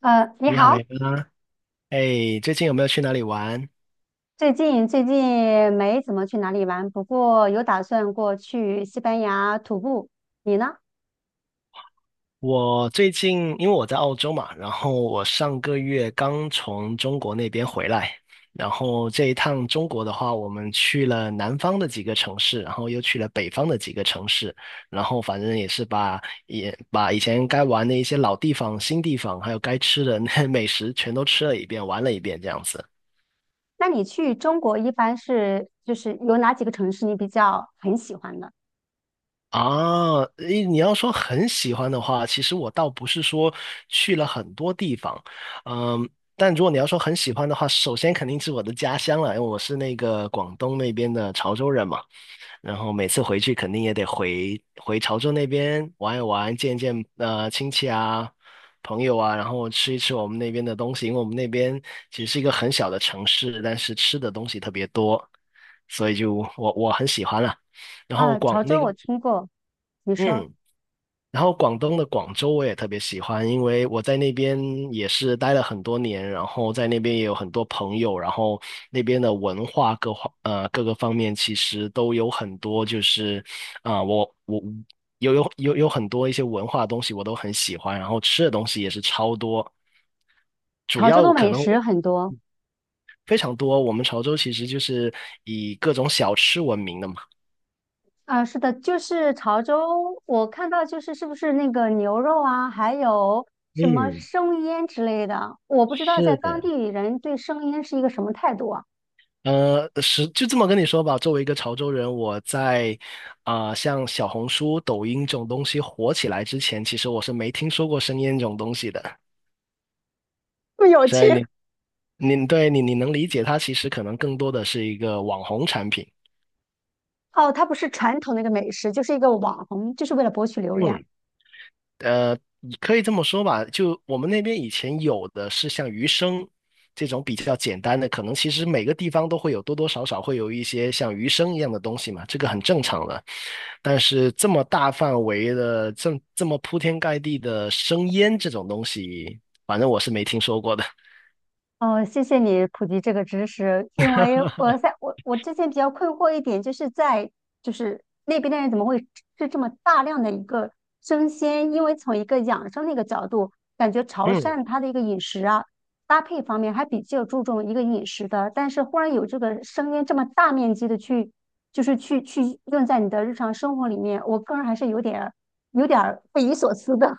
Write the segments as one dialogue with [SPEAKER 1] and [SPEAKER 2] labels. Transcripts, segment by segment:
[SPEAKER 1] 你
[SPEAKER 2] 你好
[SPEAKER 1] 好，
[SPEAKER 2] 呀，哎，最近有没有去哪里玩？
[SPEAKER 1] 最近没怎么去哪里玩，不过有打算过去西班牙徒步。你呢？
[SPEAKER 2] 我最近因为我在澳洲嘛，然后我上个月刚从中国那边回来，然后这一趟中国的话，我们去了南方的几个城市，然后又去了北方的几个城市，然后反正也是把也把以前该玩的一些老地方、新地方，还有该吃的那 美食全都吃了一遍，玩了一遍这样子。
[SPEAKER 1] 那你去中国一般是就是有哪几个城市你比较很喜欢的？
[SPEAKER 2] 啊，诶，你要说很喜欢的话，其实我倒不是说去了很多地方，嗯，但如果你要说很喜欢的话，首先肯定是我的家乡了，因为我是那个广东那边的潮州人嘛，然后每次回去肯定也得回回潮州那边玩一玩，见一见亲戚啊、朋友啊，然后吃一吃我们那边的东西，因为我们那边其实是一个很小的城市，但是吃的东西特别多，所以就我很喜欢了。然后
[SPEAKER 1] 啊，
[SPEAKER 2] 广
[SPEAKER 1] 潮
[SPEAKER 2] 那
[SPEAKER 1] 州
[SPEAKER 2] 个
[SPEAKER 1] 我听过，你说
[SPEAKER 2] 嗯。然后广东的广州我也特别喜欢，因为我在那边也是待了很多年，然后在那边也有很多朋友，然后那边的文化各个方面其实都有很多，就是啊、我有很多一些文化的东西我都很喜欢，然后吃的东西也是超多。主
[SPEAKER 1] 潮州
[SPEAKER 2] 要
[SPEAKER 1] 的
[SPEAKER 2] 可
[SPEAKER 1] 美
[SPEAKER 2] 能
[SPEAKER 1] 食很多。
[SPEAKER 2] 非常多。我们潮州其实就是以各种小吃闻名的嘛。
[SPEAKER 1] 啊，是的，就是潮州，我看到就是是不是那个牛肉啊，还有什么
[SPEAKER 2] 嗯，
[SPEAKER 1] 生腌之类的，我不知道在
[SPEAKER 2] 是。
[SPEAKER 1] 当
[SPEAKER 2] 的。
[SPEAKER 1] 地人对生腌是一个什么态度啊。
[SPEAKER 2] 是就这么跟你说吧。作为一个潮州人，我在啊、像小红书、抖音这种东西火起来之前，其实我是没听说过生腌这种东西的。
[SPEAKER 1] 不有趣，
[SPEAKER 2] 所以你你能理解它，其实可能更多的是一个网红产品。
[SPEAKER 1] 哦，它不是传统的一个美食，就是一个网红，就是为了博取流量。
[SPEAKER 2] 嗯你可以这么说吧，就我们那边以前有的是像鱼生这种比较简单的，可能其实每个地方都会有多多少少会有一些像鱼生一样的东西嘛，这个很正常的。但是这么大范围的，这么铺天盖地的生腌这种东西，反正我是没听说过的。
[SPEAKER 1] 哦，谢谢你普及这个知识，因为我在我我之前比较困惑一点，就是在就是那边的人怎么会吃这么大量的一个生鲜？因为从一个养生的一个角度，感觉潮
[SPEAKER 2] 嗯。
[SPEAKER 1] 汕它的一个饮食啊搭配方面还比较注重一个饮食的，但是忽然有这个生鲜这么大面积的去就是去用在你的日常生活里面，我个人还是有点儿有点儿匪夷所思的。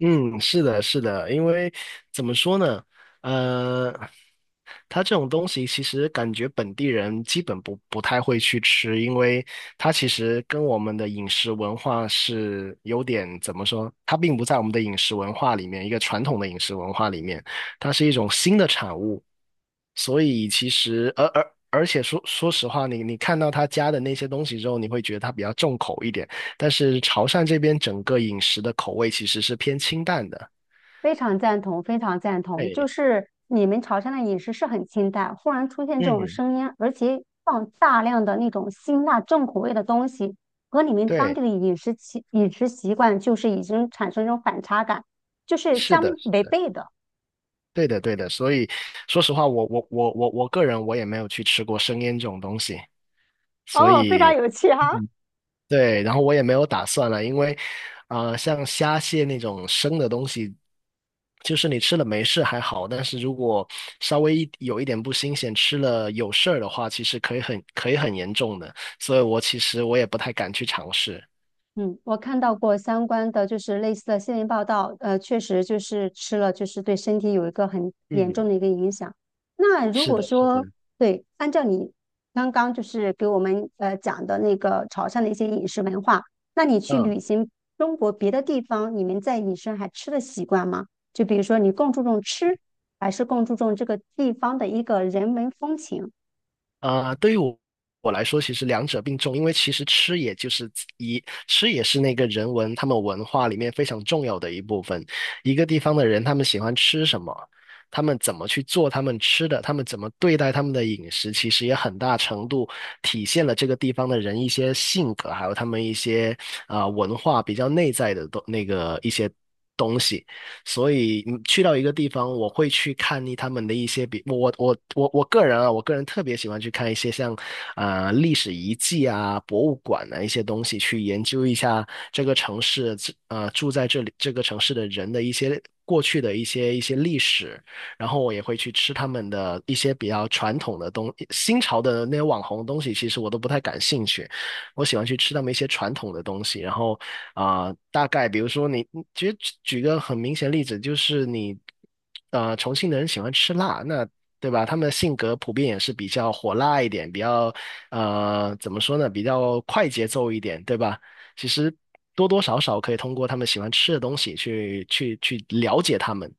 [SPEAKER 2] 嗯，是的，是的，因为怎么说呢，呃，它这种东西其实感觉本地人基本不太会去吃，因为它其实跟我们的饮食文化是有点怎么说，它并不在我们的饮食文化里面，一个传统的饮食文化里面，它是一种新的产物，所以其实而而而且说实话，你看到他加的那些东西之后，你会觉得它比较重口一点。但是潮汕这边整个饮食的口味其实是偏清淡的。
[SPEAKER 1] 非常赞同，非常赞同。就
[SPEAKER 2] 对，
[SPEAKER 1] 是你们潮汕的饮食是很清淡，忽然出现这种
[SPEAKER 2] 嗯，
[SPEAKER 1] 声音，而且放大量的那种辛辣重口味的东西，和你们当
[SPEAKER 2] 对，
[SPEAKER 1] 地的饮食习饮食习惯就是已经产生一种反差感，就是
[SPEAKER 2] 是
[SPEAKER 1] 相
[SPEAKER 2] 的，是
[SPEAKER 1] 违
[SPEAKER 2] 的，
[SPEAKER 1] 背的。
[SPEAKER 2] 对的，对的。所以说实话，我个人我也没有去吃过生腌这种东西，所
[SPEAKER 1] 哦，非常
[SPEAKER 2] 以
[SPEAKER 1] 有趣哈。
[SPEAKER 2] 嗯，对，然后我也没有打算了，因为啊、像虾蟹那种生的东西，就是你吃了没事还好，但是如果稍微一有一点不新鲜，吃了有事儿的话，其实可以很严重的。所以我其实也不太敢去尝试。
[SPEAKER 1] 嗯，我看到过相关的，就是类似的新闻报道，确实就是吃了，就是对身体有一个很严
[SPEAKER 2] 嗯
[SPEAKER 1] 重的一个影响。那如
[SPEAKER 2] 是
[SPEAKER 1] 果
[SPEAKER 2] 的，是
[SPEAKER 1] 说，
[SPEAKER 2] 的，
[SPEAKER 1] 对，按照你刚刚就是给我们讲的那个潮汕的一些饮食文化，那你去
[SPEAKER 2] 嗯
[SPEAKER 1] 旅行中国别的地方，你们在饮食上还吃的习惯吗？就比如说你更注重吃，还是更注重这个地方的一个人文风情？
[SPEAKER 2] 啊、对于我来说，其实两者并重，因为其实吃也就是一吃也是那个他们文化里面非常重要的一部分。一个地方的人，他们喜欢吃什么，他们怎么去做他们吃的，他们怎么对待他们的饮食，其实也很大程度体现了这个地方的人一些性格，还有他们一些啊、文化比较内在的东那个一些。东西。所以嗯去到一个地方，我会去看一他们的一些比我我我我个人啊，我个人特别喜欢去看一些像啊、呃历史遗迹啊、博物馆啊一些东西，去研究一下这个城市住在这里这个城市的人的一些过去的一些历史，然后我也会去吃他们的一些比较传统的新潮的那些网红东西，其实我都不太感兴趣。我喜欢去吃他们一些传统的东西，然后啊、大概比如说你，其实举个很明显的例子，就是你重庆的人喜欢吃辣，那对吧？他们的性格普遍也是比较火辣一点，比较怎么说呢，比较快节奏一点，对吧？其实多多少少可以通过他们喜欢吃的东西去了解他们。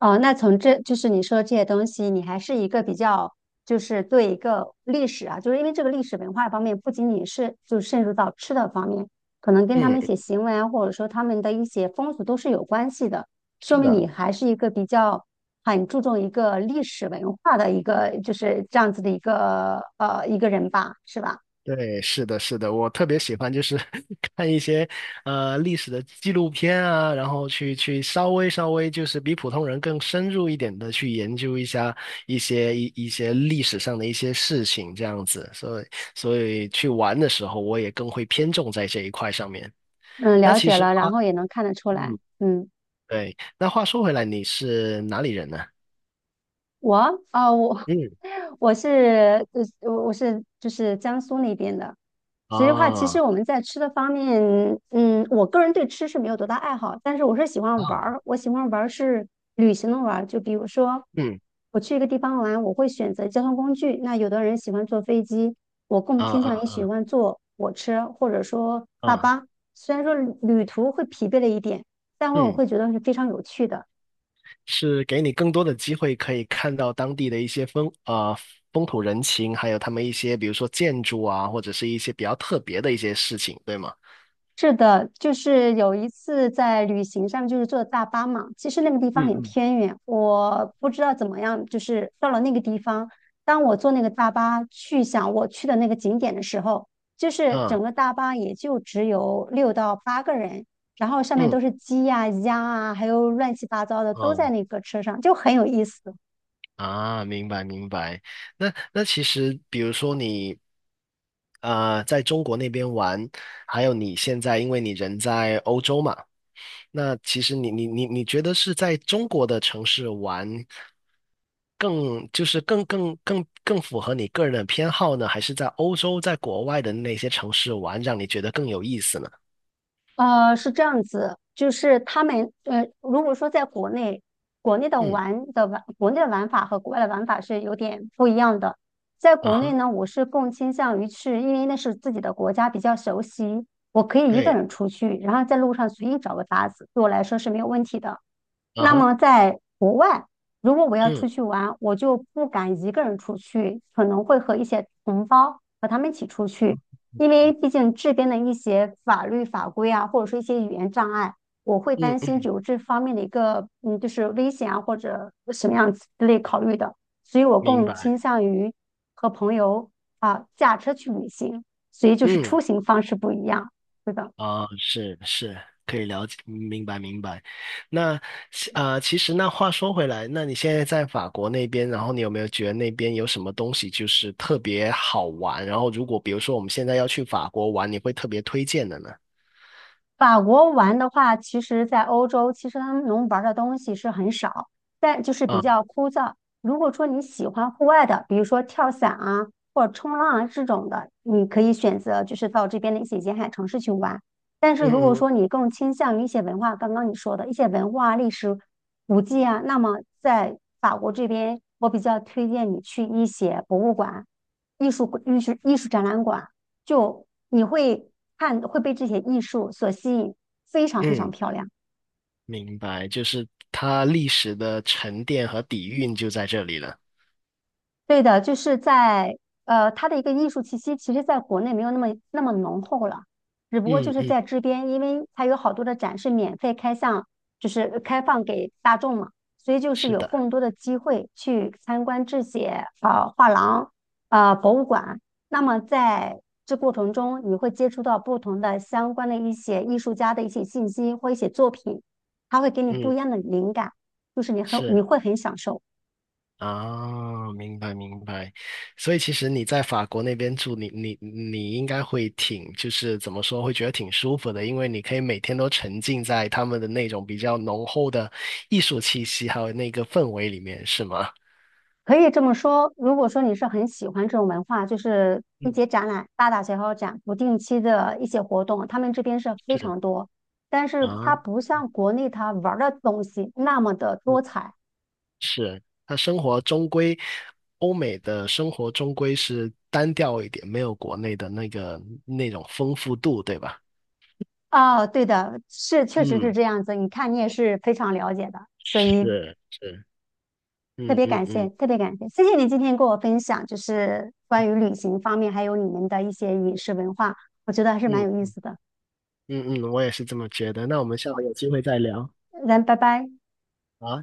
[SPEAKER 1] 哦，那从这就是你说这些东西，你还是一个比较，就是对一个历史啊，就是因为这个历史文化方面，不仅仅是就渗入到吃的方面，可能跟他们
[SPEAKER 2] 嗯，
[SPEAKER 1] 一些行为啊，或者说他们的一些风俗都是有关系的，说
[SPEAKER 2] 是
[SPEAKER 1] 明你
[SPEAKER 2] 的。
[SPEAKER 1] 还是一个比较很注重一个历史文化的一个就是这样子的一个一个人吧，是吧？
[SPEAKER 2] 对，是的，是的，我特别喜欢就是 看一些呃历史的纪录片啊，然后去稍微就是比普通人更深入一点的去研究一下一些一些历史上的一些事情这样子，所以所以去玩的时候我也更会偏重在这一块上面。
[SPEAKER 1] 嗯，
[SPEAKER 2] 那
[SPEAKER 1] 了
[SPEAKER 2] 其
[SPEAKER 1] 解
[SPEAKER 2] 实
[SPEAKER 1] 了，
[SPEAKER 2] 话，
[SPEAKER 1] 然后也能看得出来，
[SPEAKER 2] 嗯，
[SPEAKER 1] 嗯。
[SPEAKER 2] 对，那话说回来，你是哪里人呢？
[SPEAKER 1] 我我
[SPEAKER 2] 嗯，
[SPEAKER 1] 我是我是就是江苏那边的。所以的话，其实
[SPEAKER 2] 啊
[SPEAKER 1] 我们在吃的方面，嗯，我个人对吃是没有多大爱好，但是我是喜欢玩
[SPEAKER 2] 啊，
[SPEAKER 1] 儿，我喜欢玩儿是旅行的玩儿。就比如说，
[SPEAKER 2] 嗯
[SPEAKER 1] 我去一个地方玩，我会选择交通工具。那有的人喜欢坐飞机，我更
[SPEAKER 2] 啊
[SPEAKER 1] 偏向于
[SPEAKER 2] 啊
[SPEAKER 1] 喜欢坐火车或者说大
[SPEAKER 2] 啊，
[SPEAKER 1] 巴。虽然说旅途会疲惫了一点，但我
[SPEAKER 2] 嗯。
[SPEAKER 1] 会觉得是非常有趣的。
[SPEAKER 2] 是给你更多的机会，可以看到当地的一些风啊、风土人情，还有他们一些比如说建筑啊，或者是一些比较特别的一些事情，对吗？
[SPEAKER 1] 是的，就是有一次在旅行上，就是坐大巴嘛。其实那个地方
[SPEAKER 2] 嗯
[SPEAKER 1] 很
[SPEAKER 2] 嗯。
[SPEAKER 1] 偏远，我不知道怎么样，就是到了那个地方，当我坐那个大巴去想我去的那个景点的时候，就是整
[SPEAKER 2] 嗯
[SPEAKER 1] 个大巴也就只有六到八个人，然后上面
[SPEAKER 2] 嗯
[SPEAKER 1] 都是鸡呀、鸭啊，还有乱七八糟的都
[SPEAKER 2] 哦
[SPEAKER 1] 在那个车上，就很有意思。
[SPEAKER 2] 啊，明白明白。那其实比如说你啊，在中国那边玩，还有你现在因为你人在欧洲嘛。那其实你觉得是在中国的城市玩更就是更符合你个人的偏好呢，还是在欧洲在国外的那些城市玩让你觉得更有意思呢？
[SPEAKER 1] 是这样子，就是他们,如果说在国内，国内的
[SPEAKER 2] 嗯
[SPEAKER 1] 玩的玩，国内的玩法和国外的玩法是有点不一样的。在
[SPEAKER 2] 啊
[SPEAKER 1] 国内
[SPEAKER 2] 哈，
[SPEAKER 1] 呢，我是更倾向于去，因为那是自己的国家，比较熟悉，我可以一个
[SPEAKER 2] 对
[SPEAKER 1] 人出去，然后在路上随意找个搭子，对我来说是没有问题的。
[SPEAKER 2] 啊
[SPEAKER 1] 那
[SPEAKER 2] 哈，
[SPEAKER 1] 么在国外，如果我要
[SPEAKER 2] 嗯
[SPEAKER 1] 出去玩，我就不敢一个人出去，可能会和一些同胞和他们一起出去，因为毕竟这边的一些法律法规啊，或者说一些语言障碍，我会
[SPEAKER 2] 嗯
[SPEAKER 1] 担心
[SPEAKER 2] 嗯，
[SPEAKER 1] 有这方面的一个嗯，就是危险啊或者什么样子之类考虑的，所以我
[SPEAKER 2] 明
[SPEAKER 1] 更
[SPEAKER 2] 白，
[SPEAKER 1] 倾向于和朋友驾车去旅行，所以就是
[SPEAKER 2] 嗯。
[SPEAKER 1] 出行方式不一样，是的。
[SPEAKER 2] 啊，是是，可以了解，明白明白。那啊，其实那话说回来，那你现在在法国那边，然后你有没有觉得那边有什么东西就是特别好玩？然后如果比如说我们现在要去法国玩，你会特别推荐的呢？
[SPEAKER 1] 法国玩的话，其实，在欧洲，其实他们能玩的东西是很少，但就是比
[SPEAKER 2] 啊，
[SPEAKER 1] 较枯燥。如果说你喜欢户外的，比如说跳伞啊，或者冲浪啊这种的，你可以选择就是到这边的一些沿海城市去玩。但是如果
[SPEAKER 2] 嗯嗯
[SPEAKER 1] 说你更倾向于一些文化，刚刚你说的一些文化、历史古迹啊，那么在法国这边，我比较推荐你去一些博物馆、艺术展览馆。就你会看，会被这些艺术所吸引，非常非常
[SPEAKER 2] 嗯，
[SPEAKER 1] 漂亮。
[SPEAKER 2] 明白，就是它历史的沉淀和底蕴就在这里了。
[SPEAKER 1] 对的，就是在它的一个艺术气息，其实在国内没有那么那么浓厚了，只不过就
[SPEAKER 2] 嗯
[SPEAKER 1] 是
[SPEAKER 2] 嗯，
[SPEAKER 1] 在这边，因为它有好多的展是免费开向，就是开放给大众嘛，所以就是
[SPEAKER 2] 是
[SPEAKER 1] 有
[SPEAKER 2] 的，
[SPEAKER 1] 更多的机会去参观这些画廊、博物馆。那么在这过程中，你会接触到不同的相关的一些艺术家的一些信息或一些作品，它会给你不一
[SPEAKER 2] 嗯
[SPEAKER 1] 样的灵感，就是你很
[SPEAKER 2] 是。
[SPEAKER 1] 你会很享受。
[SPEAKER 2] 啊，明白明白，所以其实你在法国那边住，你应该会挺，就是怎么说，会觉得挺舒服的，因为你可以每天都沉浸在他们的那种比较浓厚的艺术气息，还有那个氛围里面，是吗？
[SPEAKER 1] 可以这么说，如果说你是很喜欢这种文化，就是一
[SPEAKER 2] 嗯，
[SPEAKER 1] 些展览、大大小小展、不定期的一些活动，他们这边是非
[SPEAKER 2] 是，
[SPEAKER 1] 常多。但是它
[SPEAKER 2] 啊，
[SPEAKER 1] 不像国内它玩儿的东西那么的
[SPEAKER 2] 嗯
[SPEAKER 1] 多彩
[SPEAKER 2] 是，他生活终归，欧美的生活终归是单调一点，没有国内的那个那种丰富度，对吧？
[SPEAKER 1] 哦，对的，是确实是
[SPEAKER 2] 嗯，
[SPEAKER 1] 这样子。你看你也是非常了解的，所以
[SPEAKER 2] 是是，
[SPEAKER 1] 特
[SPEAKER 2] 嗯
[SPEAKER 1] 别
[SPEAKER 2] 嗯
[SPEAKER 1] 感谢，
[SPEAKER 2] 嗯
[SPEAKER 1] 特别感谢，谢谢你今天跟我分享，就是关于旅行方面，还有你们的一些饮食文化，我觉得还是蛮有意
[SPEAKER 2] 嗯，
[SPEAKER 1] 思的。
[SPEAKER 2] 嗯嗯，我也是这么觉得。那我们下回有机会再聊。
[SPEAKER 1] 那拜拜。
[SPEAKER 2] 好，